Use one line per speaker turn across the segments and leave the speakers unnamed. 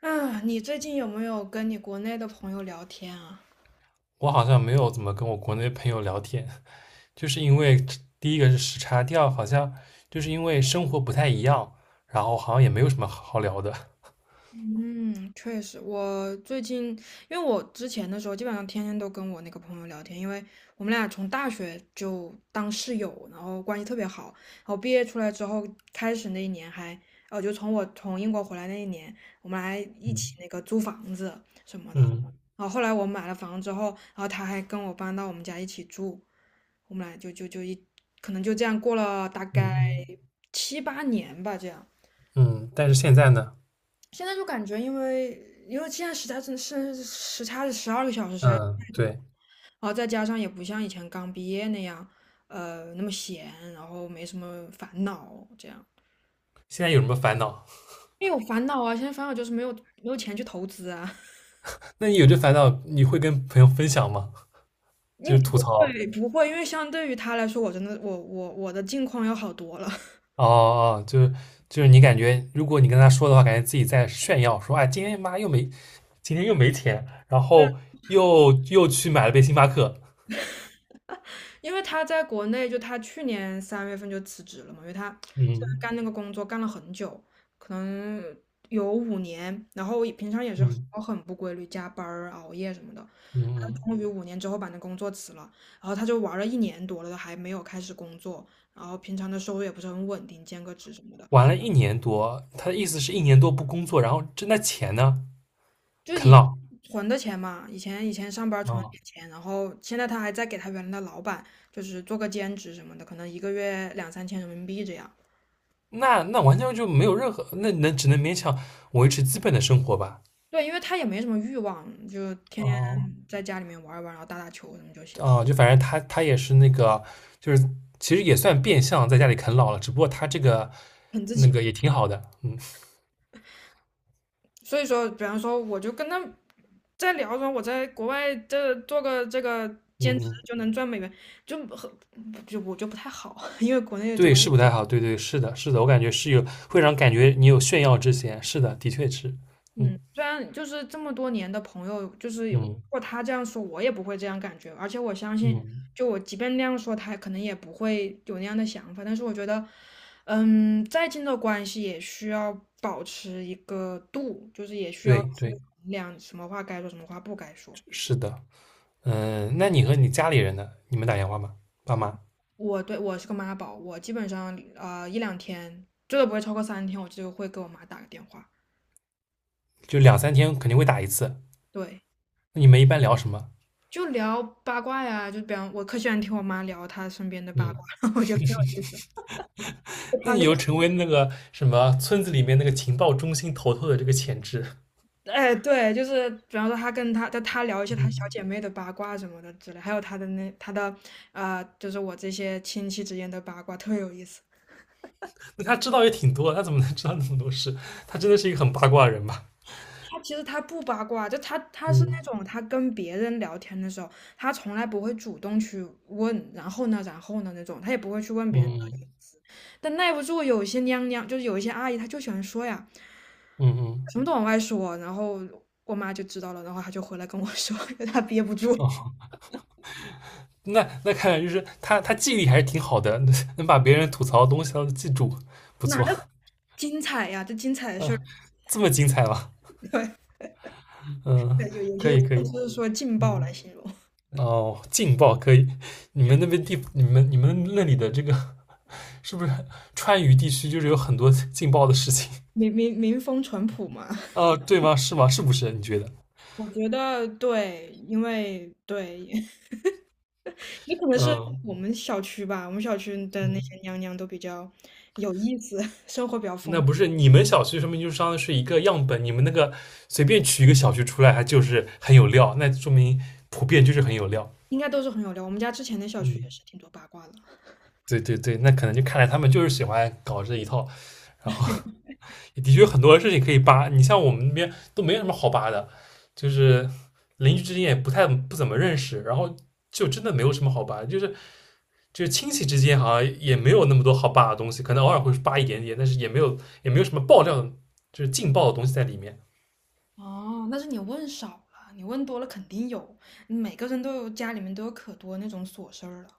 啊，你最近有没有跟你国内的朋友聊天啊？
我好像没有怎么跟我国内朋友聊天，就是因为第一个是时差，第二好像就是因为生活不太一样，然后好像也没有什么好聊的。
嗯，确实，我最近因为我之前的时候，基本上天天都跟我那个朋友聊天，因为我们俩从大学就当室友，然后关系特别好。然后毕业出来之后，开始那一年还，哦，就从我从英国回来那一年，我们还一
嗯。
起那个租房子什 么的。
嗯
然后后来我买了房之后，然后他还跟我搬到我们家一起住，我们俩就可能就这样过了大概
嗯
七八年吧，这样。
嗯但是现在呢？
现在就感觉，因为现在时差真的是时差是12个小时实在是
嗯，
太多，
对。
然后再加上也不像以前刚毕业那样，那么闲，然后没什么烦恼这样。
现在有什么烦恼？
因为有烦恼啊，现在烦恼就是没有钱去投资啊。
那你有这烦恼，你会跟朋友分享吗？
因
就
为
是吐
不
槽。
会不会，因为相对于他来说，我真的我的境况要好多了。
哦哦，就是你感觉，如果你跟他说的话，感觉自己在炫耀，说哎，今天又没钱，然后又去买了杯星巴克。
因为他在国内，就他去年三月份就辞职了嘛，因为他
嗯
干那个工作干了很久，可能有五年，然后平常也是
嗯。
很不规律，加班儿、熬夜什么的。
嗯，
他
嗯
终于五年之后把那工作辞了，然后他就玩了一年多了，都还没有开始工作，然后平常的收入也不是很稳定，兼个职什么的，
玩了一年多，他的意思是一年多不工作，然后挣的钱呢？
就是
啃
以
老？
存的钱嘛，以前上班
啊、
存了
哦，
点钱，然后现在他还在给他原来的老板，就是做个兼职什么的，可能一个月两三千人民币这样。
那完全就没有任何，那只能勉强维持基本的生活吧。
对，因为他也没什么欲望，就天天
哦
在家里面玩一玩，然后打打球什么就行了，
哦，就反正他也是那个，就是其实也算变相在家里啃老了，只不过他这个
很自
那
己。
个也挺好的。嗯
所以说，比方说，我就跟他在聊说，我在国外这做个这个
嗯
兼职
嗯，
就能赚美元，就很就我就不太好，因为国内做
对，是不太好，对对是的，是的，我感觉会让感觉你有炫耀之嫌，是的，的确是。
嗯，
嗯
虽然就是这么多年的朋友，就是有如
嗯
果他这样说，我也不会这样感觉。而且我相信，
嗯，
就我即便那样说，他可能也不会有那样的想法。但是我觉得，嗯，再近的关系也需要保持一个度，就是也需要
对
去
对
衡量什么话该说，什么话不该说。
是的。嗯，那你和你家里人呢？你们打电话吗？爸妈
我对我是个妈宝，我基本上一两天，最多不会超过3天，我就会给我妈打个电话。
就两三天肯定会打一次。
对，
那你们一般聊什么？
就聊八卦呀，就比方我可喜欢听我妈聊她身边的八
嗯，
卦，就
那
她
你
那
又成为那个什么村子里面那个情报中心头头的这个潜质。
哎，对，就是比方说他跟他聊一些他
嗯，
小姐妹的八卦什么的之类，还有他的那他的啊、呃就是我这些亲戚之间的八卦，特有意思。
那他知道也挺多，他怎么能知道那么多事？他真的是一个很八卦的人吧？
他其实他不八卦，就他是那
嗯
种他跟别人聊天的时候，他从来不会主动去问，然后呢，然后呢那种，他也不会去问别人。
嗯
但耐不住有些娘娘，就是有一些阿姨，她就喜欢说呀，
嗯嗯，
什么都往外说，然后我妈就知道了，然后她就回来跟我说，她憋不住。
那看来就是他记忆力还是挺好的。能把别人吐槽的东西他都记住，不
哪
错。
个精彩呀？这精彩的事儿。
嗯，这么精彩吗？嗯，
对，有有
可
些
以可
就
以。
是说劲爆来
嗯。
形容，
哦，劲爆可以！你们那里的这个是不是川渝地区就是有很多劲爆的事情？
民风淳朴嘛，
啊？对吗？是吗？是不是？你觉得？
我觉得对，因为对，也可能是
嗯
我们小区吧，我们小区的那
嗯，
些娘娘都比较有意思，生活比较
那
丰
不
富
是你们小区说明就是相当于是一个样本，你们那个随便取一个小区出来，它就是很有料，那说明普遍就是很有料。
应该都是很有料。我们家之前的小区也
嗯。
是挺多八卦的。
对对对，那可能就看来他们就是喜欢搞这一套，然后也的确有很多事情可以扒。你像我们那边都没有什么好扒的，就是邻居之间也不怎么认识，然后就真的没有什么好扒，就是亲戚之间好像也没有那么多好扒的东西，可能偶尔会扒一点点，但是也没有什么爆料的，就是劲爆的东西在里面。
哦，那是你问少了，你问多了肯定有，每个人都有家里面都有可多那种琐事儿了。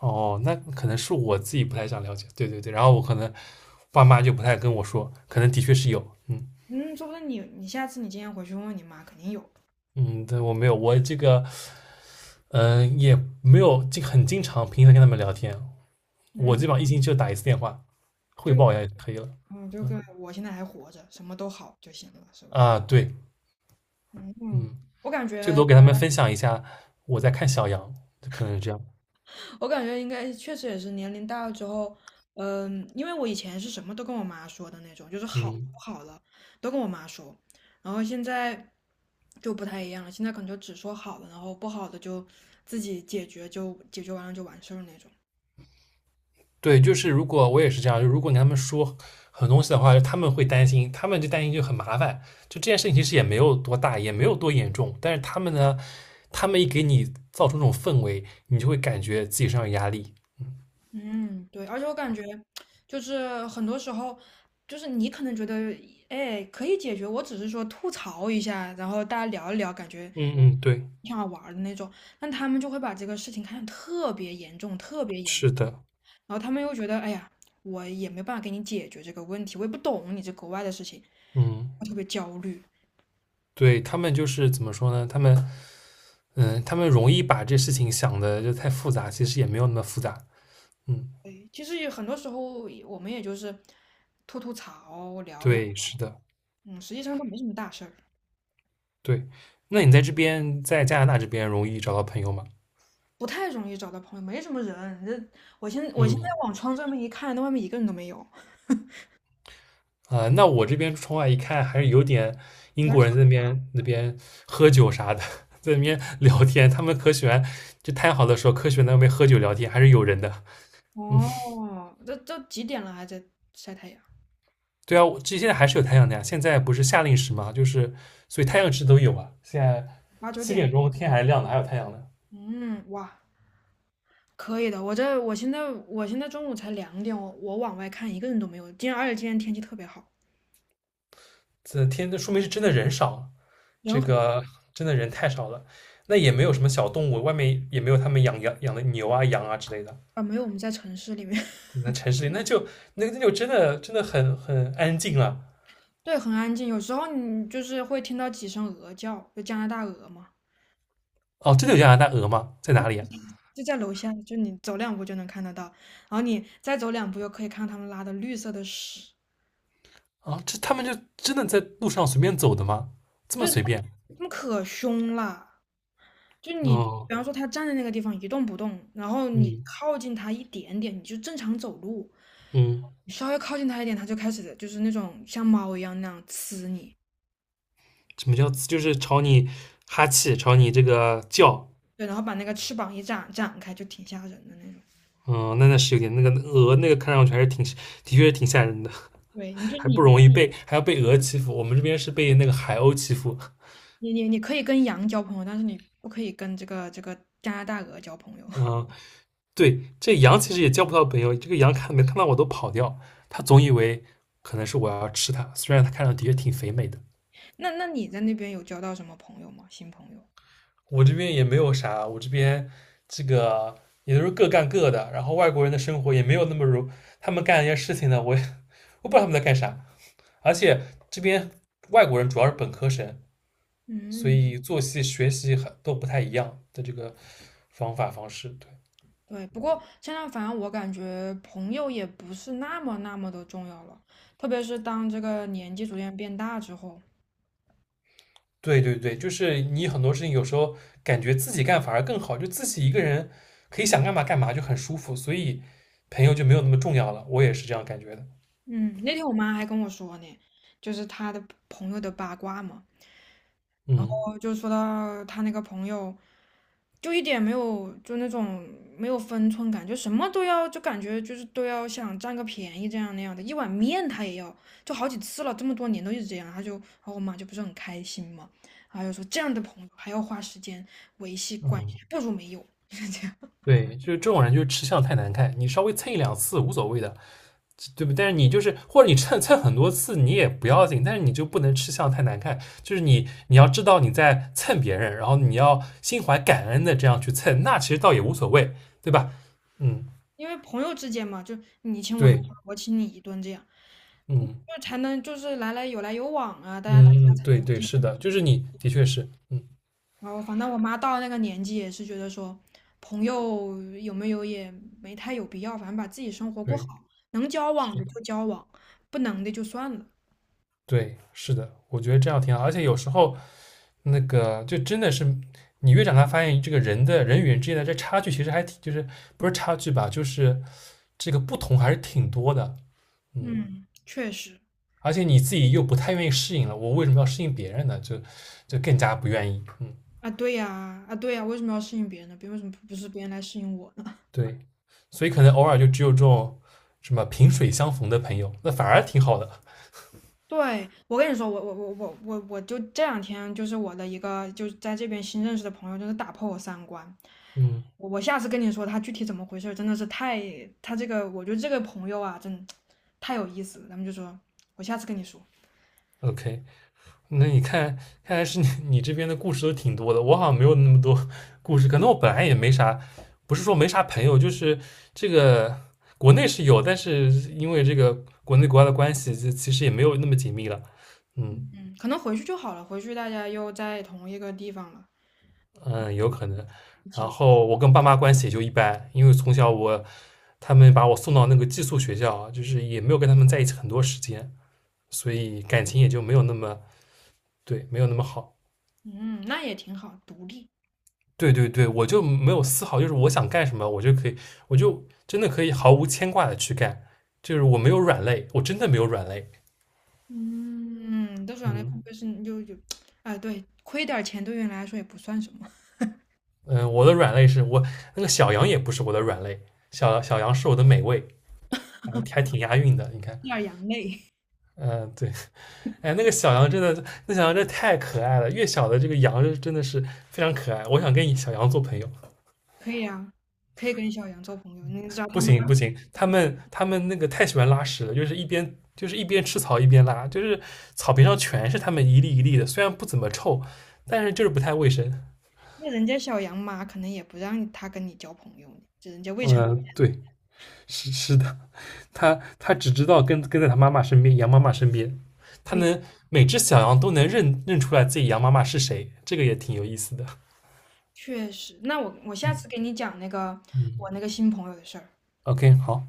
哦，那可能是我自己不太想了解，对对对，然后我可能爸妈就不太跟我说，可能的确是有。嗯
嗯，说不定你下次你今天回去问问你妈，肯定有。
嗯，对我没有，我这个嗯，也没有很经常频繁跟他们聊天，我
嗯，
基本上一星期就打一次电话，汇
就
报一下就可以了。
就跟我现在还活着，什么都好就行了，是吧？
啊，对，
嗯嗯，
嗯，
我感
最
觉，
多给他们分享一下我在看小羊，可能是这样。
我感觉应该确实也是年龄大了之后，嗯，因为我以前是什么都跟我妈说的那种，就是好
嗯，
不好了都跟我妈说，然后现在就不太一样了，现在可能就只说好了，然后不好的就自己解决，就解决完了就完事儿那种。
对，就是如果我也是这样，就如果你跟他们说很多东西的话，他们会担心，他们就担心就很麻烦。就这件事情其实也没有多大，也没有多严重，但是他们呢，他们一给你造成这种氛围，你就会感觉自己身上有压力。
嗯，对，而且我感觉就是很多时候，就是你可能觉得，哎，可以解决，我只是说吐槽一下，然后大家聊一聊，感觉
嗯嗯，对，
挺好玩儿的那种，但他们就会把这个事情看得特别严重，特别严，
是的，
然后他们又觉得，哎呀，我也没办法给你解决这个问题，我也不懂你这国外的事情，
嗯。
我特别焦虑。
对，他们就是怎么说呢？他们容易把这事情想的就太复杂，其实也没有那么复杂。嗯，
对，其实也很多时候我们也就是吐吐槽，聊一，
对，是的，
嗯，实际上都没什么大事儿。
对。那你在这边，在加拿大这边容易找到朋友吗？
不太容易找到朋友，没什么人。这我现在
嗯。
往窗这面一看，那外面一个人都没有。
啊、那我这边窗外一看，还是有点英国
然
人在那边喝酒啥的。在那边聊天，他们可喜欢，就太好的时候，可喜欢在那边喝酒聊天，还是有人的。
后
嗯。
哦，这都几点了还在晒太阳？
对啊，我这现在还是有太阳的呀。现在不是夏令时嘛，就是所以太阳值都有啊。现在
八九
七
点。
点钟天还亮的，还有太阳呢。
嗯，哇，可以的。我现在中午才2点，我往外看一个人都没有。今天而且今天天气特别好，
这说明是真的人少，这
人很
个真的人太少了。那也没有什么小动物，外面也没有他们养的牛啊、羊啊之类的。
啊没有我们在城市里面，
那城市里那就真的真的很安静了。
对，很安静。有时候你就是会听到几声鹅叫，就加拿大鹅嘛，
哦，真的有加拿大鹅吗？在哪里啊？
就在楼下，就你走两步就能看得到，然后你再走两步又可以看到他们拉的绿色的屎。
啊，这他们就真的在路上随便走的吗？这么
对他
随便？
们可凶了，就你，
哦，
比方说他站在那个地方一动不动，然后你
嗯
靠近他一点点，你就正常走路，
嗯。
你稍微靠近他一点，他就开始就是那种像猫一样那样呲你，
什么叫就是朝你哈气，朝你这个叫。
对，然后把那个翅膀一展展开，就挺吓人的那种。
嗯，那是有点那个鹅那个看上去还是的确是挺吓人的，
对，你就
还不
你
容易被还要被鹅欺负，我们这边是被那个海鸥欺负。
你你你可以跟羊交朋友，但是你不可以跟这个加拿大鹅交朋友。
嗯，对，这羊其实也交不到朋友，这个羊看没看到我都跑掉，它总以为可能是我要吃它，虽然它看上去的确挺肥美的。
那那你在那边有交到什么朋友吗？新朋友？
我这边也没有啥，我这边这个。也都是各干各的，然后外国人的生活也没有那么如他们干一些事情呢，我不知道他们在干啥，而且这边外国人主要是本科生，所
嗯。
以作息学习都不太一样的这个方法方式。
对，不过现在反正我感觉朋友也不是那么那么的重要了，特别是当这个年纪逐渐变大之后。
对，对对对，就是你很多事情有时候感觉自己干反而更好，就自己一个人可以想干嘛干嘛，就很舒服，所以朋友就没有那么重要了。我也是这样感觉的。
嗯，那天我妈还跟我说呢，就是她的朋友的八卦嘛，哦，
嗯
就说到她那个朋友，就一点没有就那种没有分寸感，就什么都要，就感觉就是都要想占个便宜这样那样的。一碗面他也要，就好几次了，这么多年都一直这样。他就，然后我妈就不是很开心嘛，然后就说这样的朋友还要花时间维系关
嗯，
系，不如没有，就是这样。
对，就是这种人就是吃相太难看，你稍微蹭一两次无所谓的，对不对？但是你就是或者你蹭蹭很多次你也不要紧，但是你就不能吃相太难看。就是你要知道你在蹭别人，然后你要心怀感恩的这样去蹭，那其实倒也无所谓，对吧？嗯，
因为朋友之间嘛，就你请我一顿，
对，
我请你一顿这样，
嗯
就才能就是来来有来有往啊，大家大
嗯，
家才
对
能
对，
继
是的，就是
续。
你的确是，嗯，
然后反正我妈到了那个年纪也是觉得说，朋友有没有也没太有必要，反正把自己生活过好，
对，
能交往
是
的
的，
就交往，不能的就算了。
对，是的，我觉得这样挺好。而且有时候那个就真的是你越长大，发现人与人之间的这差距其实还挺，就是不是差距吧，就是这个不同还是挺多的。嗯，
嗯，确实
而且你自己又不太愿意适应了，我为什么要适应别人呢？就更加不愿意。嗯，
啊，对呀，啊对呀，为什么要适应别人呢？别为什么不是别人来适应我呢？
对，所以可能偶尔就只有这种什么萍水相逢的朋友，那反而挺好的。
对，我跟你说，我就这两天就是我的一个就是在这边新认识的朋友，就是打破我三观。
嗯
我下次跟你说他具体怎么回事真的是太他这个，我觉得这个朋友啊，真太有意思了。咱们就说，我下次跟你说，
，OK，那你看，看来是你这边的故事都挺多的，我好像没有那么多故事，可能我本来也没啥，不是说没啥朋友，就是这个国内是有，但是因为这个国内国外的关系，就其实也没有那么紧密了。嗯，
嗯，可能回去就好了，回去大家又在同一个地方了，
嗯，有可能。
一起
然
了，
后我跟爸妈关系也就一般，因为从小他们把我送到那个寄宿学校，就是也没有跟他们在一起很多时间，所以感情也就没有那么，对，没有那么好。
嗯，那也挺好，独立，
对对对，我就没有丝毫就是我想干什么，我就可以，我就真的可以毫无牵挂的去干，就是我没有软肋，我真的没有软肋。
嗯，都说养类会
嗯
不会是就，哎，对，亏点钱对于你来说也不算什么，吃
嗯、我的软肋是我那个小羊也不是我的软肋，小小羊是我的美味，还挺押韵的，你看。
点羊泪
嗯、对，哎，那个小羊真的，那小羊真的太可爱了。越小的这个羊真的是非常可爱，我想跟小羊做朋友。
可以啊，可以跟小杨做朋友，你知道他
不
妈，
行不行，他们那个太喜欢拉屎了，就是一边吃草一边拉，就是草坪上全是他们一粒一粒的，虽然不怎么臭，但是就是不太卫生。
那人家小杨妈可能也不让他跟你交朋友呢，这人家未成年
嗯、对，是的，他只知道跟在他妈妈身边，羊妈妈身边，他
未
能每只小羊都能认出来自己羊妈妈是谁，这个也挺有意思的。
确实，那我下次给
嗯
你讲那个
嗯
我那个新朋友的事儿。
，OK，好。